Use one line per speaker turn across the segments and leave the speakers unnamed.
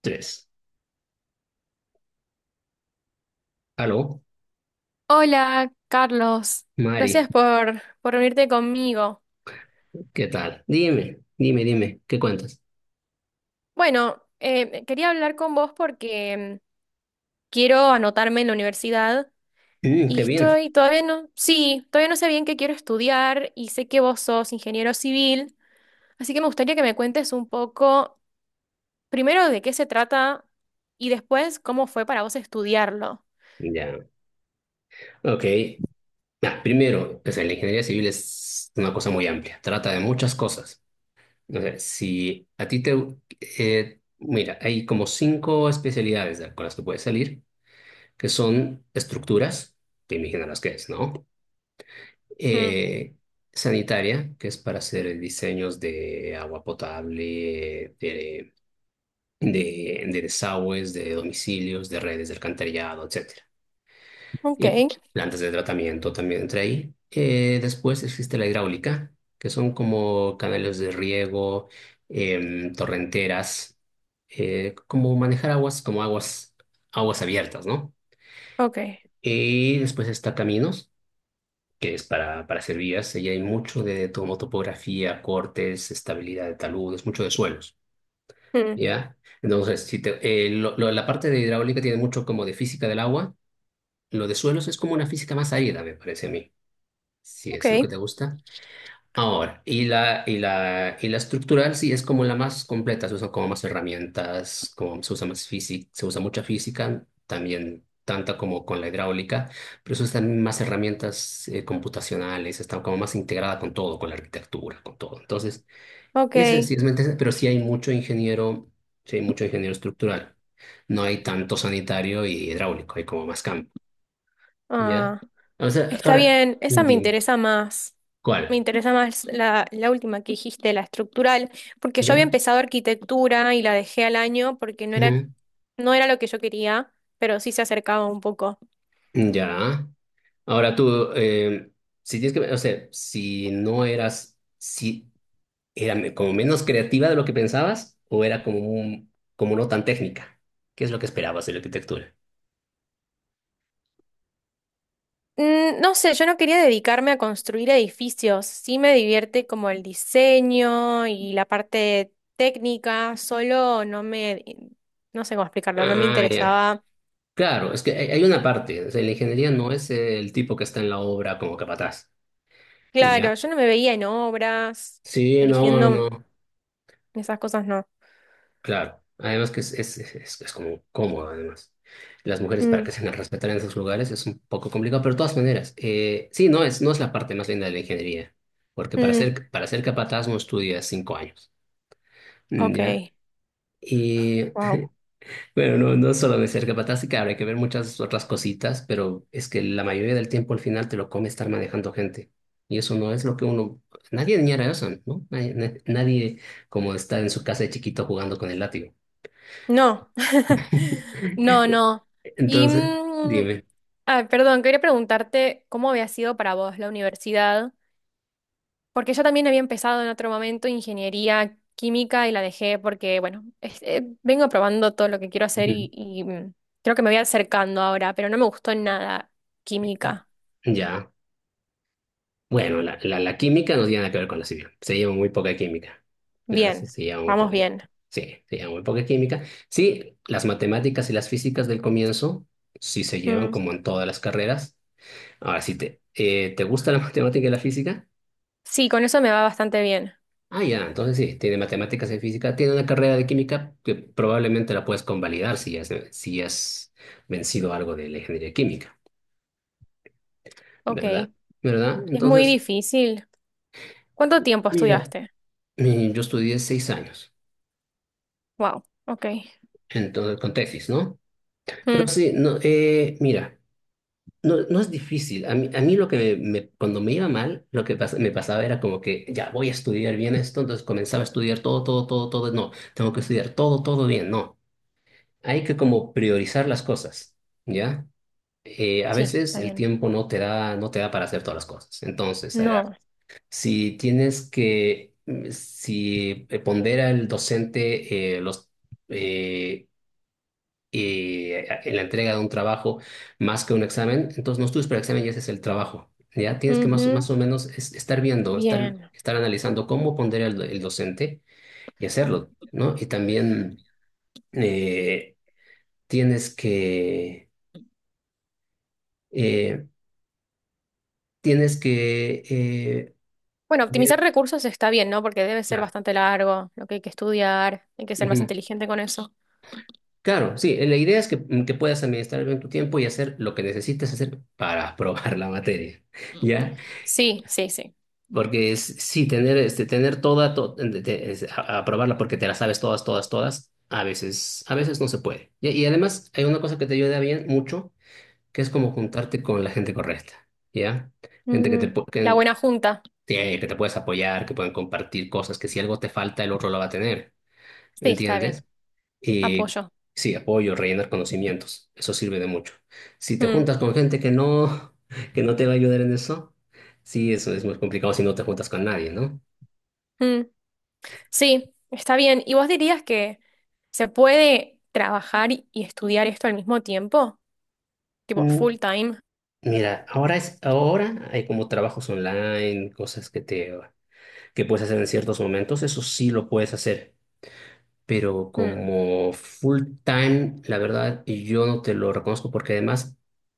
Tres. Aló,
Hola, Carlos. Gracias
Mari,
por reunirte conmigo.
¿qué tal? Dime, ¿qué cuentas?
Bueno, quería hablar con vos porque quiero anotarme en la universidad
Mm,
y
qué bien.
estoy todavía no, sí, todavía no sé bien qué quiero estudiar y sé que vos sos ingeniero civil, así que me gustaría que me cuentes un poco primero de qué se trata y después cómo fue para vos estudiarlo.
Ya, ok. Primero, o sea, la ingeniería civil es una cosa muy amplia, trata de muchas cosas. O sea, si a ti te... mira, hay como cinco especialidades con las que puedes salir, que son estructuras, te imaginarás qué es, ¿no?
Mm,
Eh, sanitaria, que es para hacer diseños de agua potable, de desagües, de domicilios, de redes de alcantarillado, etcétera.
ok,
Y plantas de tratamiento también entra ahí. Después existe la hidráulica, que son como canales de riego, torrenteras, como manejar aguas, aguas abiertas, ¿no?
ok,
Y después está caminos, que es para hacer vías. Y hay mucho de topografía, cortes, estabilidad de taludes, mucho de suelos.
mm,
¿Ya? Entonces, si te- lo- la parte de hidráulica tiene mucho como de física del agua. Lo de suelos es como una física más árida, me parece a mí, si
ok,
es lo que te gusta. Ahora, y la estructural sí es como la más completa, se usan como más herramientas, como se usa más física, se usa mucha física, también tanta como con la hidráulica, pero se usan más herramientas computacionales. Está como más integrada con todo, con la arquitectura, con todo. Entonces,
ok.
ese sí es mente- pero sí hay mucho ingeniero, sí hay mucho ingeniero estructural. No hay tanto sanitario y hidráulico, hay como más campo, ¿ya?
Ah,
O sea,
está
ahora,
bien, esa me
dime,
interesa más. Me
¿cuál?
interesa más la última que dijiste, la estructural, porque yo había
¿Ya?
empezado arquitectura y la dejé al año porque
Ujú.
no era lo que yo quería, pero sí se acercaba un poco.
Ya. Ahora tú, si tienes que, o sea, si no eras, si era como menos creativa de lo que pensabas, o era como un, como no tan técnica, ¿qué es lo que esperabas de la arquitectura?
Mm, no sé, yo no quería dedicarme a construir edificios. Sí me divierte como el diseño y la parte técnica, solo no sé cómo explicarlo, no me
Ah, ya.
interesaba.
Claro, es que hay una parte, o sea, la ingeniería no es el tipo que está en la obra como capataz, y
Claro,
ya.
yo no me veía en obras,
Sí, no, no,
eligiendo
no,
esas cosas no.
claro. Además que es como cómodo, además. Las mujeres para
Mm.
que se las respeten en esos lugares es un poco complicado, pero de todas maneras, sí, no es la parte más linda de la ingeniería, porque
Mm,
para ser capataz no estudias 5 años, ¿ya?
ok,
Y
wow.
bueno, no, no solo de ser capataz, sí que habrá que ver muchas otras cositas, pero es que la mayoría del tiempo al final te lo come estar manejando gente. Y eso no es lo que uno... Nadie añora eso, ¿no? Nadie, nadie como está en su casa de chiquito jugando con el látigo.
No, no, no. Y,
Entonces, dime.
perdón, quería preguntarte cómo había sido para vos la universidad, porque yo también había empezado en otro momento ingeniería química y la dejé porque, bueno, vengo probando todo lo que quiero hacer
Ujú.
y creo que me voy acercando ahora, pero no me gustó nada química.
Ya. Bueno, la química no tiene nada que ver con la civil. Se lleva muy poca química. La verdad,
Bien,
se lleva muy
vamos
poca.
bien.
Sí, se lleva muy poca química. Sí, las matemáticas y las físicas del comienzo sí se llevan
Mm,
como en todas las carreras. Ahora, si te, ¿te gusta la matemática y la física?
sí, con eso me va bastante bien.
Ah, ya, entonces sí, tiene matemáticas y física, tiene una carrera de química que probablemente la puedes convalidar si has vencido algo de la ingeniería química, ¿verdad?
Ok.
¿Verdad?
Es muy
Entonces,
difícil. ¿Cuánto tiempo
mira,
estudiaste?
yo estudié 6 años,
Wow, ok.
entonces con tesis, ¿no? Pero
Mm,
sí, no, mira, no, no es difícil. A mí lo que me, cuando me iba mal, lo que me pasaba era como que ya voy a estudiar bien esto, entonces comenzaba a estudiar todo, no, tengo que estudiar todo, todo bien, no. Hay que como priorizar las cosas, ¿ya? A
sí,
veces
está
el
bien.
tiempo no te da, no te da para hacer todas las cosas. Entonces, agarra.
No.
Si tienes que, si pondera el docente eh, en la entrega de un trabajo más que un examen, entonces no estudies para el examen y ese es el trabajo. Ya tienes que
Ujú,
más o menos estar viendo,
bien.
estar analizando cómo pondera el docente y hacerlo, ¿no? Y también eh, tienes que eh, tienes que eh,
Bueno,
ver,
optimizar recursos está bien, ¿no? Porque debe ser
claro.
bastante largo, lo que hay que estudiar, hay que ser más
Ujú.
inteligente con eso.
Claro, sí, la idea es que, que puedas administrar bien tu tiempo y hacer lo que necesites hacer para aprobar la materia, ¿ya?
Sí, sí, sí.
Porque es, sí, tener, este, tener toda, aprobarla porque te la sabes todas, a veces no se puede. Y además hay una cosa que te ayuda bien mucho, que es como juntarte con la gente correcta, ¿ya? Gente que
Mm, la buena junta.
sí, que te puedes apoyar, que pueden compartir cosas, que si algo te falta, el otro lo va a tener.
Sí, está bien.
¿Entiendes? Y
Apoyo.
sí, apoyo, rellenar conocimientos, eso sirve de mucho. Si te
Mm,
juntas con gente que no, que no te va a ayudar en eso, sí, eso es muy complicado si no te juntas con nadie, ¿no?
mm. Sí, está bien. ¿Y vos dirías que se puede trabajar y estudiar esto al mismo tiempo? Tipo
Mm,
full time.
mira, ahora hay como trabajos online, cosas que te, que puedes hacer en ciertos momentos, eso sí lo puedes hacer, pero
Mm,
como full time, la verdad, yo no te lo reconozco porque además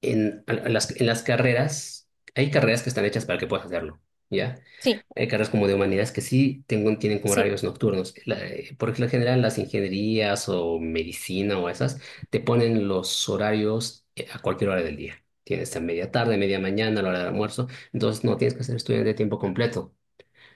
en las carreras, hay carreras que están hechas para que puedas hacerlo, ¿ya?
sí,
Hay carreras como de humanidades que sí tienen como
sí,
horarios nocturnos. Por lo general, las ingenierías o medicina o esas te ponen los horarios a cualquier hora del día. Tienes a media tarde, media mañana, a la hora del almuerzo, entonces no tienes que ser estudiante de tiempo completo.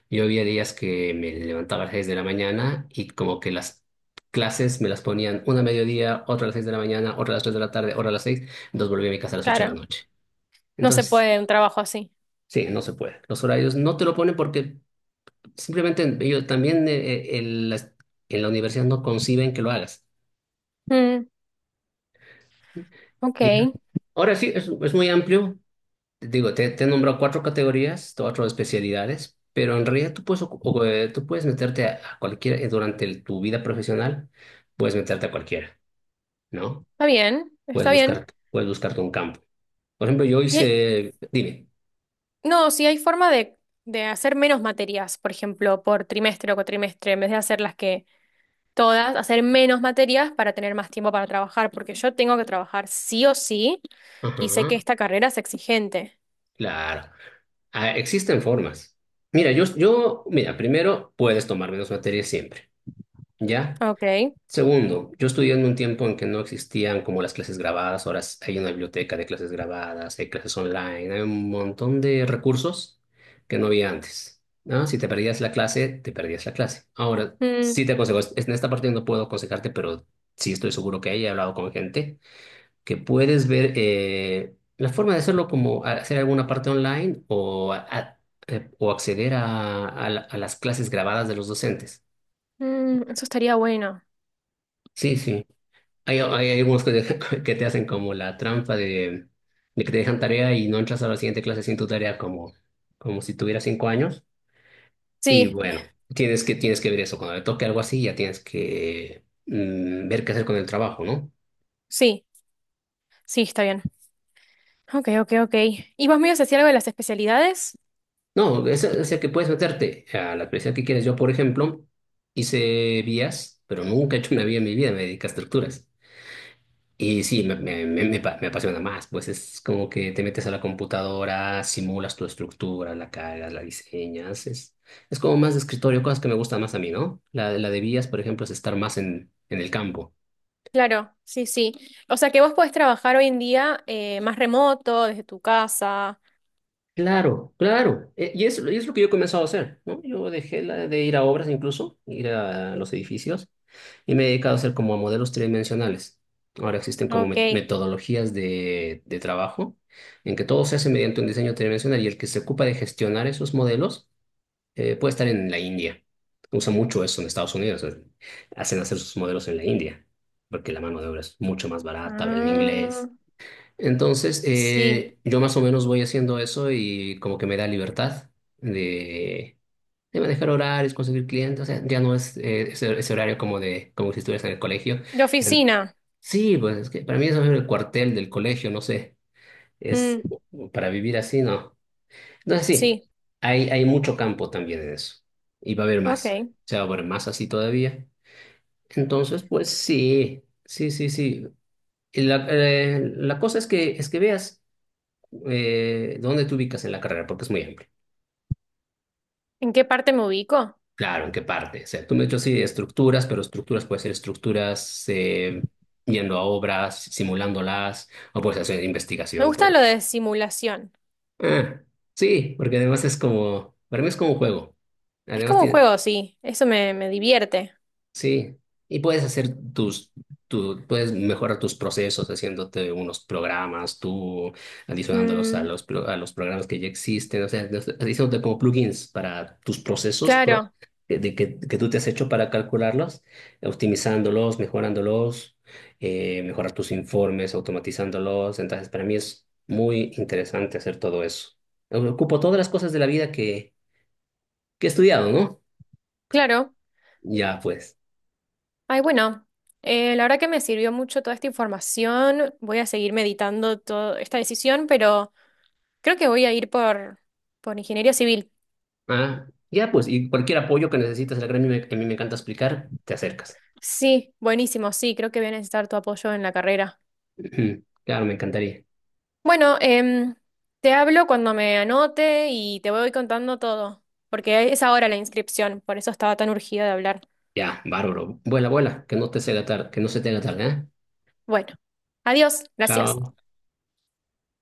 Yo había días que me levantaba a las 6 de la mañana y como que las clases me las ponían una a mediodía, otra a las 6 de la mañana, otra a las 3 de la tarde, otra a las seis, entonces volví a mi casa a las 8 de
claro.
la noche.
No se
Entonces,
puede un trabajo así.
sí, no se puede. Los horarios no te lo ponen porque simplemente ellos también en la universidad no conciben que lo hagas.
Mm, ok,
Ya. Ahora sí, es muy amplio. Digo, te he nombrado 4 categorías, 4 especialidades, pero en realidad tú puedes, tú puedes meterte a cualquiera, durante tu vida profesional, puedes meterte a cualquiera, ¿no?
está bien,
Puedes
está
buscar,
bien.
puedes buscarte un campo. Por ejemplo, yo
Y hay-
hice, dime,
no, si hay forma de hacer menos materias, por ejemplo, por trimestre o cuatrimestre, en vez de hacer las que todas, hacer menos materias para tener más tiempo para trabajar, porque yo tengo que trabajar sí o sí y sé
ajá,
que esta carrera es exigente.
claro. Ah, existen formas. Mira, mira, primero puedes tomar menos materias siempre, ¿ya?
Ok.
Segundo, yo estudié en un tiempo en que no existían como las clases grabadas, ahora hay una biblioteca de clases grabadas, hay clases online, hay un montón de recursos que no había antes. ¿No? Si te perdías la clase, te perdías la clase. Ahora,
Mm,
sí te aconsejo, en esta parte no puedo aconsejarte, pero sí estoy seguro que he hablado con gente que puedes ver la forma de hacerlo como hacer alguna parte online o acceder a las clases grabadas de los docentes.
mm, eso estaría bueno.
Sí, sí. Hay algunos que, te que te hacen como la trampa de que te dejan tarea y no entras a la siguiente clase sin tu tarea como, como si tuvieras 5 años. Y
Sí,
bueno, tienes que ver eso. Cuando te toque algo así, ya tienes que ver qué hacer con el trabajo, ¿no?
sí, sí, está bien. Ok, ok, ok. ¿Y vos me ibas a decir algo de las especialidades?
No, o sea que puedes meterte a la especialidad que quieres. Yo, por ejemplo, hice vías, pero nunca he hecho una vía en mi vida, me dediqué a estructuras. Y sí, me apasiona más, pues es como que te metes a la computadora, simulas tu estructura, la cargas, la diseñas, es como más de escritorio, cosas que me gustan más a mí, ¿no? La de vías, por ejemplo, es estar más en el campo.
Claro, sí, sí. O sea que vos podés trabajar hoy en día más remoto, desde tu casa.
Claro, claro. Y es lo que yo he comenzado a hacer, ¿no? Yo dejé de ir a obras incluso, ir a los edificios, y me he dedicado a hacer como modelos tridimensionales. Ahora existen como
Ok.
metodologías de trabajo en que todo se hace mediante un diseño tridimensional y el que se ocupa de gestionar esos modelos puede estar en la India. Usa mucho eso en Estados Unidos. Hacen hacer sus modelos en la India, porque la mano de obra es mucho más barata, hablan
Ah,
inglés. Entonces,
sí.
yo más o menos voy haciendo eso y como que me da libertad de, de manejar horarios, conseguir clientes. O sea, ya no es ese horario como de como si estuvieras en el colegio.
De
En-
oficina.
sí, pues es que para mí eso es el cuartel del colegio, no sé. Es
Mm,
para vivir así, no. Entonces, sí,
sí.
hay mucho campo también en eso. Y va a haber
Ok.
más.
¿En
O sea, va a haber más así todavía. Entonces, pues sí, sí. Y la cosa es es que veas ¿dónde te ubicas en la carrera? Porque es muy amplio.
qué parte me ubico?
Claro, ¿en qué parte? O sea, tú me has dicho sí de estructuras, pero estructuras puede ser estructuras yendo a obras, simulándolas, o puede ser hacer
Me
investigación,
gusta
pues.
lo de simulación.
Ah, sí, porque además es como, para mí es como un juego.
Es
Además
como un
tiene,
juego, sí. Eso me divierte.
sí, y puedes hacer tus, tu, puedes mejorar tus procesos haciéndote unos programas, tú adicionándolos a
Mm,
a los programas que ya existen, o sea, no haciéndote como plugins para tus procesos
claro,
que tú te has hecho para calcularlos, optimizándolos, mejorándolos, mejorar tus informes, automatizándolos. Entonces, para mí es muy interesante hacer todo eso. Ocupo todas las cosas de la vida que he estudiado, ¿no?
claro.
Ya, pues.
Ay, bueno, la verdad que me sirvió mucho toda esta información. Voy a seguir meditando toda esta decisión, pero creo que voy a ir por ingeniería civil.
Ah, ya, pues, y cualquier apoyo que necesites, el gremio que a mí me encanta explicar, te acercas.
Sí, buenísimo, sí, creo que voy a necesitar tu apoyo en la carrera.
Ujú. Claro, me encantaría.
Bueno, te hablo cuando me anote y te voy contando todo, porque es ahora la inscripción, por eso estaba tan urgida de hablar.
Ya, bárbaro. Vuela, vuela, que no se te haga tarde, ¿eh?
Bueno, adiós, gracias.
Chao.